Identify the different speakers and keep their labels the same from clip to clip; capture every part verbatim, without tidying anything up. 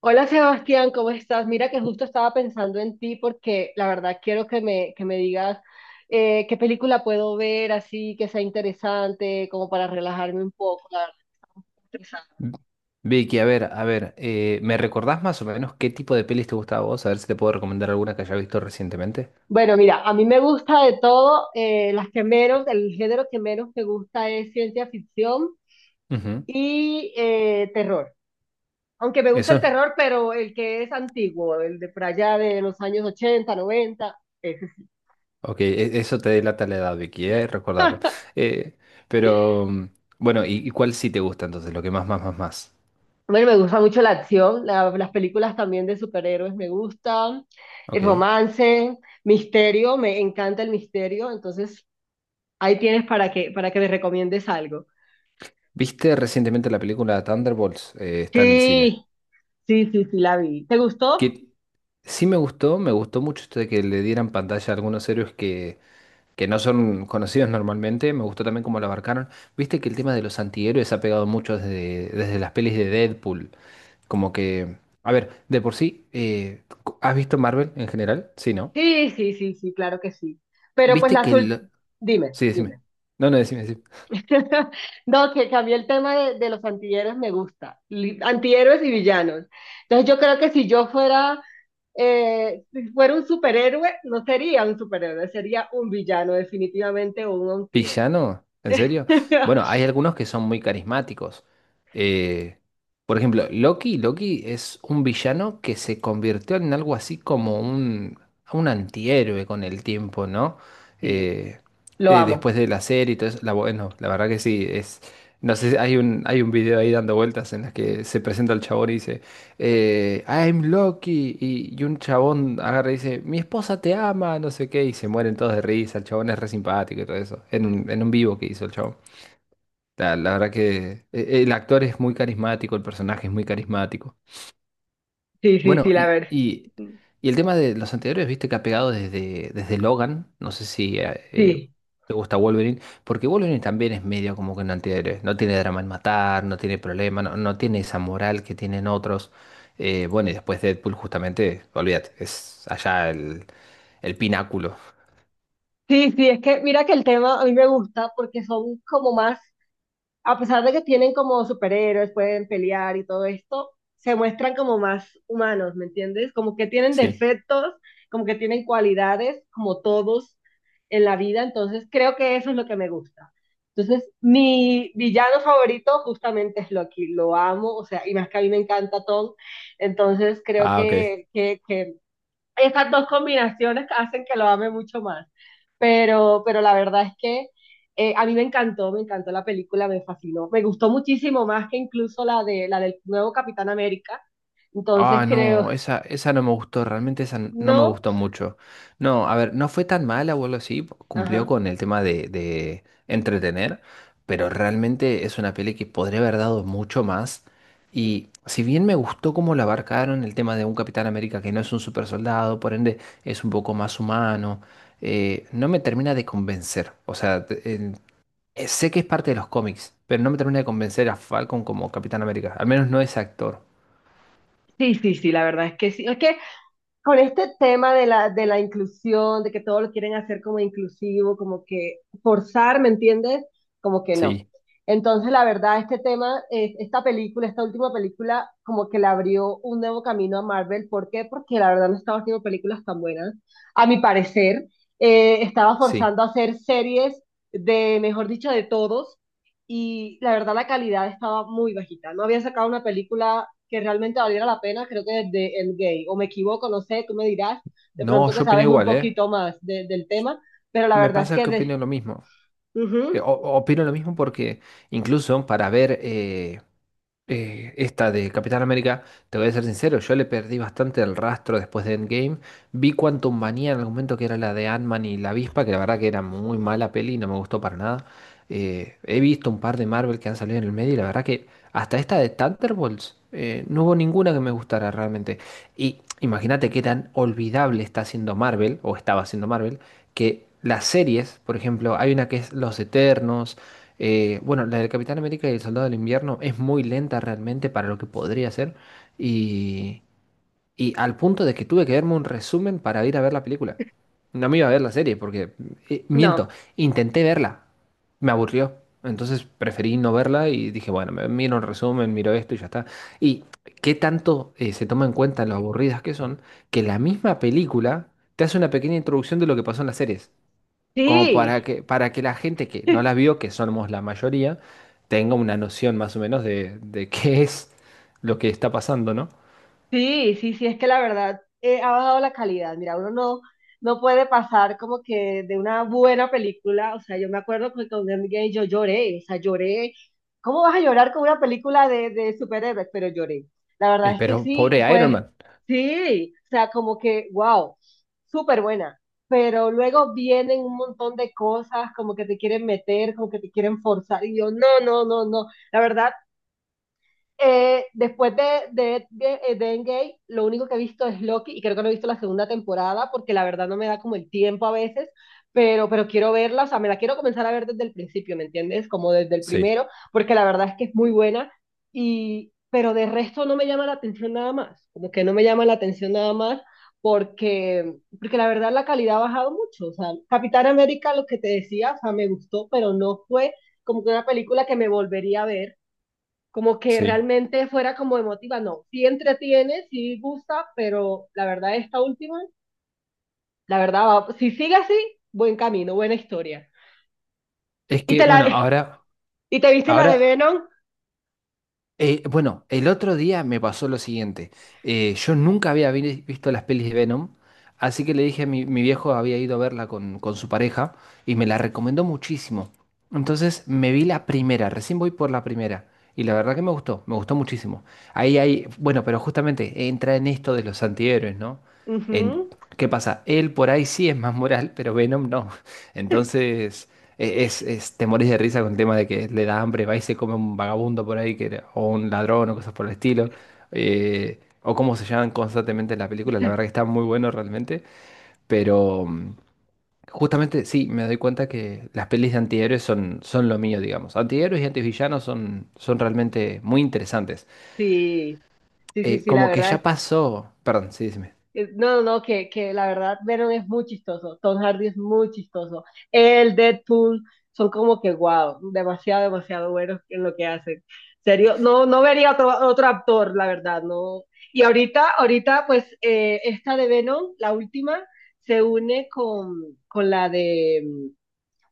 Speaker 1: Hola Sebastián, ¿cómo estás? Mira que justo estaba pensando en ti porque la verdad quiero que me, que me digas eh, qué película puedo ver así que sea interesante, como para relajarme un poco. La verdad, estresada.
Speaker 2: V- Vicky, a ver, a ver, eh, ¿me recordás más o menos qué tipo de pelis te gustaba a vos? A ver si te puedo recomendar alguna que haya visto recientemente.
Speaker 1: Bueno, mira, a mí me gusta de todo, eh, las que menos, el género que menos me gusta es ciencia ficción
Speaker 2: Ujú.
Speaker 1: y eh, terror. Aunque me gusta
Speaker 2: Eso,
Speaker 1: el terror, pero el que es antiguo, el de por allá de los años ochenta, noventa.
Speaker 2: ok, e- eso te delata la edad, Vicky, eh, recordalo. Eh, pero, mm, bueno, ¿y, y cuál sí te gusta entonces? Lo que más, más, más, más.
Speaker 1: Bueno, me gusta mucho la acción, la- las películas también de superhéroes me gustan, el
Speaker 2: Ok.
Speaker 1: romance, misterio, me encanta el misterio, entonces ahí tienes para que, para que me recomiendes algo.
Speaker 2: ¿Viste recientemente la película Thunderbolts? Eh, está en el cine.
Speaker 1: Sí, sí, sí, sí, la vi. ¿Te gustó?
Speaker 2: Que sí me gustó, me gustó mucho esto de que le dieran pantalla a algunos héroes que que no son conocidos normalmente. Me gustó también cómo lo abarcaron. Viste que el tema de los antihéroes ha pegado mucho desde, desde las pelis de Deadpool. Como que, a ver, de por sí, eh, ¿has visto Marvel en general? Sí, ¿no?
Speaker 1: Sí, sí, sí, sí, claro que sí. Pero pues
Speaker 2: Viste
Speaker 1: la
Speaker 2: que
Speaker 1: azul,
Speaker 2: el...
Speaker 1: dime,
Speaker 2: Sí, decime.
Speaker 1: dime.
Speaker 2: No, no, decime, decime.
Speaker 1: No, que cambié el tema de, de los antihéroes, me gusta. Li- Antihéroes y villanos. Entonces yo creo que si yo fuera eh, si fuera un superhéroe, no sería un superhéroe, sería un villano, definitivamente, o un antihéroe.
Speaker 2: ¿Villano? ¿En serio? Bueno, hay algunos que son muy carismáticos. Eh, por ejemplo, Loki, Loki es un villano que se convirtió en algo así como un, un antihéroe con el tiempo, ¿no?
Speaker 1: Sí,
Speaker 2: Eh,
Speaker 1: lo
Speaker 2: eh,
Speaker 1: amo.
Speaker 2: después de la serie y todo eso. La, bueno, la verdad que sí, es. No sé, hay un, hay un video ahí dando vueltas en las que se presenta el chabón y dice eh, I'm Loki y, y un chabón agarra y dice, mi esposa te ama, no sé qué, y se mueren todos de risa, el chabón es re simpático y todo eso, en un, en un vivo que hizo el chabón. La, la verdad que eh, el actor es muy carismático, el personaje es muy carismático.
Speaker 1: Sí, sí, sí,
Speaker 2: Bueno,
Speaker 1: la
Speaker 2: y,
Speaker 1: verdad.
Speaker 2: y, y el tema de los anteriores, viste que ha pegado desde, desde Logan, no sé si eh, eh,
Speaker 1: Sí,
Speaker 2: te gusta Wolverine, porque Wolverine también es medio como que un antihéroe, no tiene drama en matar, no tiene problema, no, no tiene esa moral que tienen otros. Eh, bueno, y después Deadpool justamente, olvídate, es allá el, el pináculo.
Speaker 1: sí, sí, es que mira que el tema a mí me gusta porque son como más, a pesar de que tienen como superhéroes, pueden pelear y todo esto, se muestran como más humanos, ¿me entiendes? Como que tienen
Speaker 2: Sí.
Speaker 1: defectos, como que tienen cualidades, como todos en la vida, entonces creo que eso es lo que me gusta. Entonces, mi villano favorito justamente es Loki, lo amo, o sea, y más que a mí me encanta Tom, entonces creo
Speaker 2: Ah, ok.
Speaker 1: que, que, que esas dos combinaciones hacen que lo ame mucho más. Pero, pero la verdad es que eh, a mí me encantó, me encantó la película, me fascinó. Me gustó muchísimo más que incluso la, de, la del nuevo Capitán América. Entonces
Speaker 2: Ah,
Speaker 1: creo,
Speaker 2: no, esa, esa no me gustó, realmente esa n- no me
Speaker 1: no,
Speaker 2: gustó mucho. No, a ver, no fue tan mala o algo así, cumplió
Speaker 1: ajá.
Speaker 2: con el tema de, de entretener, pero realmente es una peli que podría haber dado mucho más. Y si bien me gustó cómo la abarcaron el tema de un Capitán América que no es un super soldado, por ende es un poco más humano, eh, no me termina de convencer. O sea, te- en- eh, sé que es parte de los cómics, pero no me termina de convencer a Falcon como Capitán América, al menos no es actor.
Speaker 1: Sí, sí, sí, la verdad es que sí. Es que con este tema de la, de la inclusión, de que todo lo quieren hacer como inclusivo, como que forzar, ¿me entiendes? Como que no.
Speaker 2: Sí,
Speaker 1: Entonces, la verdad, este tema, eh, esta película, esta última película, como que le abrió un nuevo camino a Marvel. ¿Por qué? Porque la verdad no estaba haciendo películas tan buenas, a mi parecer. Eh, estaba
Speaker 2: sí.
Speaker 1: forzando a hacer series de, mejor dicho, de todos, y la verdad la calidad estaba muy bajita. No había sacado una película que realmente valiera la pena, creo que desde Endgame, o me equivoco, no sé, tú me dirás, de
Speaker 2: No,
Speaker 1: pronto que
Speaker 2: yo opino
Speaker 1: sabes un
Speaker 2: igual, ¿eh?
Speaker 1: poquito más de- del tema, pero la
Speaker 2: Me
Speaker 1: verdad es
Speaker 2: pasa
Speaker 1: que
Speaker 2: que
Speaker 1: de...
Speaker 2: opino lo mismo. Eh, o-
Speaker 1: Ujú,
Speaker 2: opino lo mismo porque incluso para ver eh, eh, esta de Capitán América, te voy a ser sincero, yo le perdí bastante el rastro después de Endgame. Vi Quantum Manía en algún momento que era la de Ant-Man y la avispa, que la verdad que era muy mala peli y no me gustó para nada. Eh, he visto un par de Marvel que han salido en el medio y la verdad que hasta esta de Thunderbolts eh, no hubo ninguna que me gustara realmente. Y imagínate qué tan olvidable está haciendo Marvel, o estaba haciendo Marvel, que las series, por ejemplo, hay una que es Los Eternos. Eh, bueno, la del Capitán América y el Soldado del Invierno es muy lenta realmente para lo que podría ser y, y al punto de que tuve que verme un resumen para ir a ver la película. No me iba a ver la serie porque, eh, miento,
Speaker 1: no,
Speaker 2: intenté verla, me aburrió. Entonces preferí no verla y dije, bueno, me miro un resumen, miro esto y ya está. Y qué tanto eh, se toma en cuenta lo aburridas que son, que la misma película te hace una pequeña introducción de lo que pasó en las series como
Speaker 1: sí.
Speaker 2: para que, para que la gente que no las vio, que somos la mayoría, tenga una noción más o menos de, de qué es lo que está pasando, ¿no?
Speaker 1: Sí, sí, sí, es que la verdad eh, ha bajado la calidad. Mira, uno no, no puede pasar como que de una buena película, o sea, yo me acuerdo que con Endgame yo lloré, o sea, lloré. ¿Cómo vas a llorar con una película de, de superhéroes? Pero lloré. La verdad
Speaker 2: Y
Speaker 1: es que
Speaker 2: pero
Speaker 1: sí,
Speaker 2: pobre Iron
Speaker 1: pues
Speaker 2: Man.
Speaker 1: sí, o sea, como que, wow, súper buena. Pero luego vienen un montón de cosas como que te quieren meter, como que te quieren forzar, y yo, no, no, no, no. La verdad, eh, después de, de, de, eh, de Endgame, lo único que he visto es Loki y creo que no he visto la segunda temporada porque la verdad no me da como el tiempo a veces, pero, pero quiero verla, o sea, me la quiero comenzar a ver desde el principio, ¿me entiendes? Como desde el
Speaker 2: Sí,
Speaker 1: primero, porque la verdad es que es muy buena y, pero de resto no me llama la atención nada más, como que no me llama la atención nada más porque, porque la verdad la calidad ha bajado mucho, o sea, Capitán América, lo que te decía, o sea, me gustó, pero no fue como que una película que me volvería a ver, como que
Speaker 2: sí.
Speaker 1: realmente fuera como emotiva, no, sí entretiene, sí gusta, pero la verdad esta última, la verdad, va- si sigue así, buen camino, buena historia.
Speaker 2: Es
Speaker 1: ¿Y
Speaker 2: que,
Speaker 1: te la,
Speaker 2: bueno, ahora,
Speaker 1: y te viste la de
Speaker 2: ahora.
Speaker 1: Venom?
Speaker 2: Eh, bueno, el otro día me pasó lo siguiente. Eh, yo nunca había vi- visto las pelis de Venom, así que le dije a mi, mi viejo, había ido a verla con, con su pareja y me la recomendó muchísimo. Entonces me vi la primera, recién voy por la primera. Y la verdad que me gustó, me gustó muchísimo. Ahí hay, bueno, pero justamente entra en esto de los antihéroes, ¿no? En,
Speaker 1: Ujú.
Speaker 2: ¿qué pasa? Él por ahí sí es más moral, pero Venom no. Entonces, e- es, es, te morís de risa con el tema de que le da hambre, va y se come un vagabundo por ahí, que, o un ladrón, o cosas por el estilo. Eh, o cómo se llaman constantemente en la película. La verdad que está muy bueno realmente. Pero mm, justamente sí, me doy cuenta que las pelis de antihéroes son, son lo mío, digamos. Antihéroes y antivillanos son, son realmente muy interesantes.
Speaker 1: Sí, sí, sí,
Speaker 2: Eh,
Speaker 1: sí, la
Speaker 2: como que ya
Speaker 1: verdad.
Speaker 2: pasó. Perdón, sí, dime.
Speaker 1: Eh, No, no, no, que, que la verdad Venom es muy chistoso, Tom Hardy es muy chistoso, el Deadpool son como que guau, demasiado, demasiado buenos en lo que hacen. Serio, no, no vería otro, otro actor, la verdad, no. Y ahorita, ahorita, pues eh, esta de Venom, la última, se une con, con la de,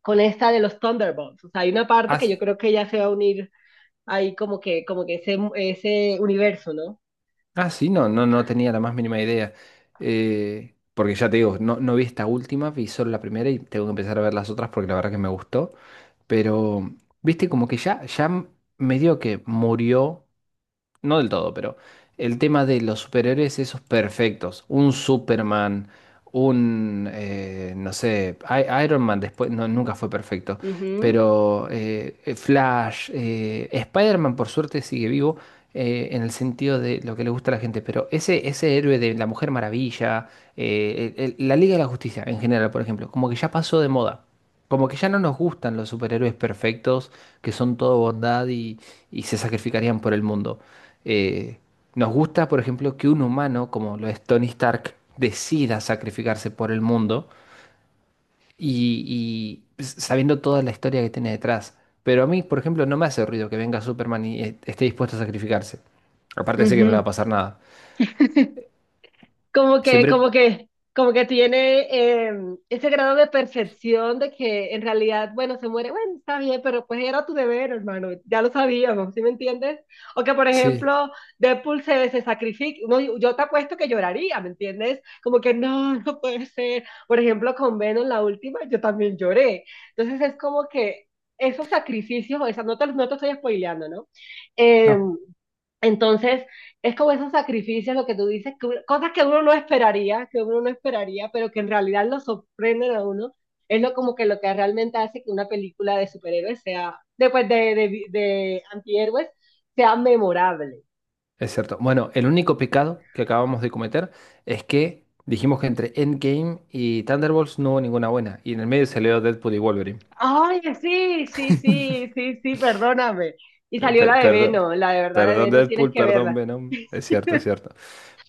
Speaker 1: con esta de los Thunderbolts. O sea, hay una parte que
Speaker 2: Has
Speaker 1: yo creo que ya se va a unir ahí como que, como que ese, ese universo, no.
Speaker 2: Ah, sí, no, no no tenía la más mínima idea. Eh, porque ya te digo, no, no vi esta última, vi solo la primera y tengo que empezar a ver las otras porque la verdad que me gustó. Pero, viste, como que ya, ya m- medio que murió no del todo, pero el tema de los superhéroes esos perfectos, un Superman, un, eh, no sé, I- Iron Man después, no, nunca fue perfecto,
Speaker 1: Ujú,
Speaker 2: pero eh, eh, Flash, eh, Spider-Man por suerte sigue vivo eh, en el sentido de lo que le gusta a la gente, pero ese, ese héroe de la Mujer Maravilla, eh, el- el- la Liga de la Justicia en general, por ejemplo, como que ya pasó de moda. Como que ya no nos gustan los superhéroes perfectos, que son todo bondad y, y se sacrificarían por el mundo. Eh, nos gusta, por ejemplo, que un humano, como lo es Tony Stark, decida sacrificarse por el mundo y, y sabiendo toda la historia que tiene detrás. Pero a mí, por ejemplo, no me hace ruido que venga Superman y eh, esté dispuesto a sacrificarse. Aparte sé que no le
Speaker 1: ujú.
Speaker 2: va a pasar nada.
Speaker 1: Como que, como
Speaker 2: Siempre...
Speaker 1: que, como que tiene eh, ese grado de perfección de que en realidad, bueno, se muere, bueno, está bien, pero pues era tu deber, hermano, ya lo sabíamos, ¿sí me entiendes? O que, por
Speaker 2: Sí,
Speaker 1: ejemplo, Deadpool se, se sacrifica, no, yo te apuesto que lloraría, ¿me entiendes? Como que no, no puede ser. Por ejemplo, con Venom, la última, yo también lloré. Entonces es como que esos sacrificios, o sea, no te, no te estoy spoileando, ¿no?
Speaker 2: no,
Speaker 1: Em, entonces, es como esos sacrificios, lo que tú dices, que uno- cosas que uno no esperaría, que uno no esperaría, pero que en realidad lo sorprenden a uno. Es lo como que lo que realmente hace que una película de superhéroes sea, después de, pues, de, de, de antihéroes, sea memorable.
Speaker 2: es cierto. Bueno, el único pecado que acabamos de cometer es que dijimos que entre Endgame y Thunderbolts no hubo ninguna buena. Y en el medio se salió Deadpool y Wolverine.
Speaker 1: Ay, sí, sí, sí, sí, sí, perdóname. Y
Speaker 2: Eh,
Speaker 1: salió
Speaker 2: pe-
Speaker 1: la de
Speaker 2: perdón.
Speaker 1: Venom, la de verdad, la de
Speaker 2: Perdón
Speaker 1: Venom, tienes
Speaker 2: Deadpool,
Speaker 1: que
Speaker 2: perdón
Speaker 1: verla.
Speaker 2: Venom. Es cierto, es cierto.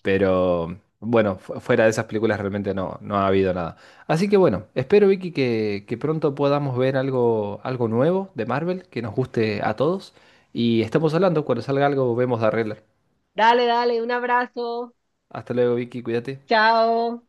Speaker 2: Pero bueno, fu- fuera de esas películas realmente no, no ha habido nada. Así que bueno, espero Vicky que, que pronto podamos ver algo, algo nuevo de Marvel que nos guste a todos. Y estamos hablando, cuando salga algo vemos de arreglar.
Speaker 1: Dale, dale, un abrazo,
Speaker 2: Hasta luego Vicky, cuídate.
Speaker 1: chao.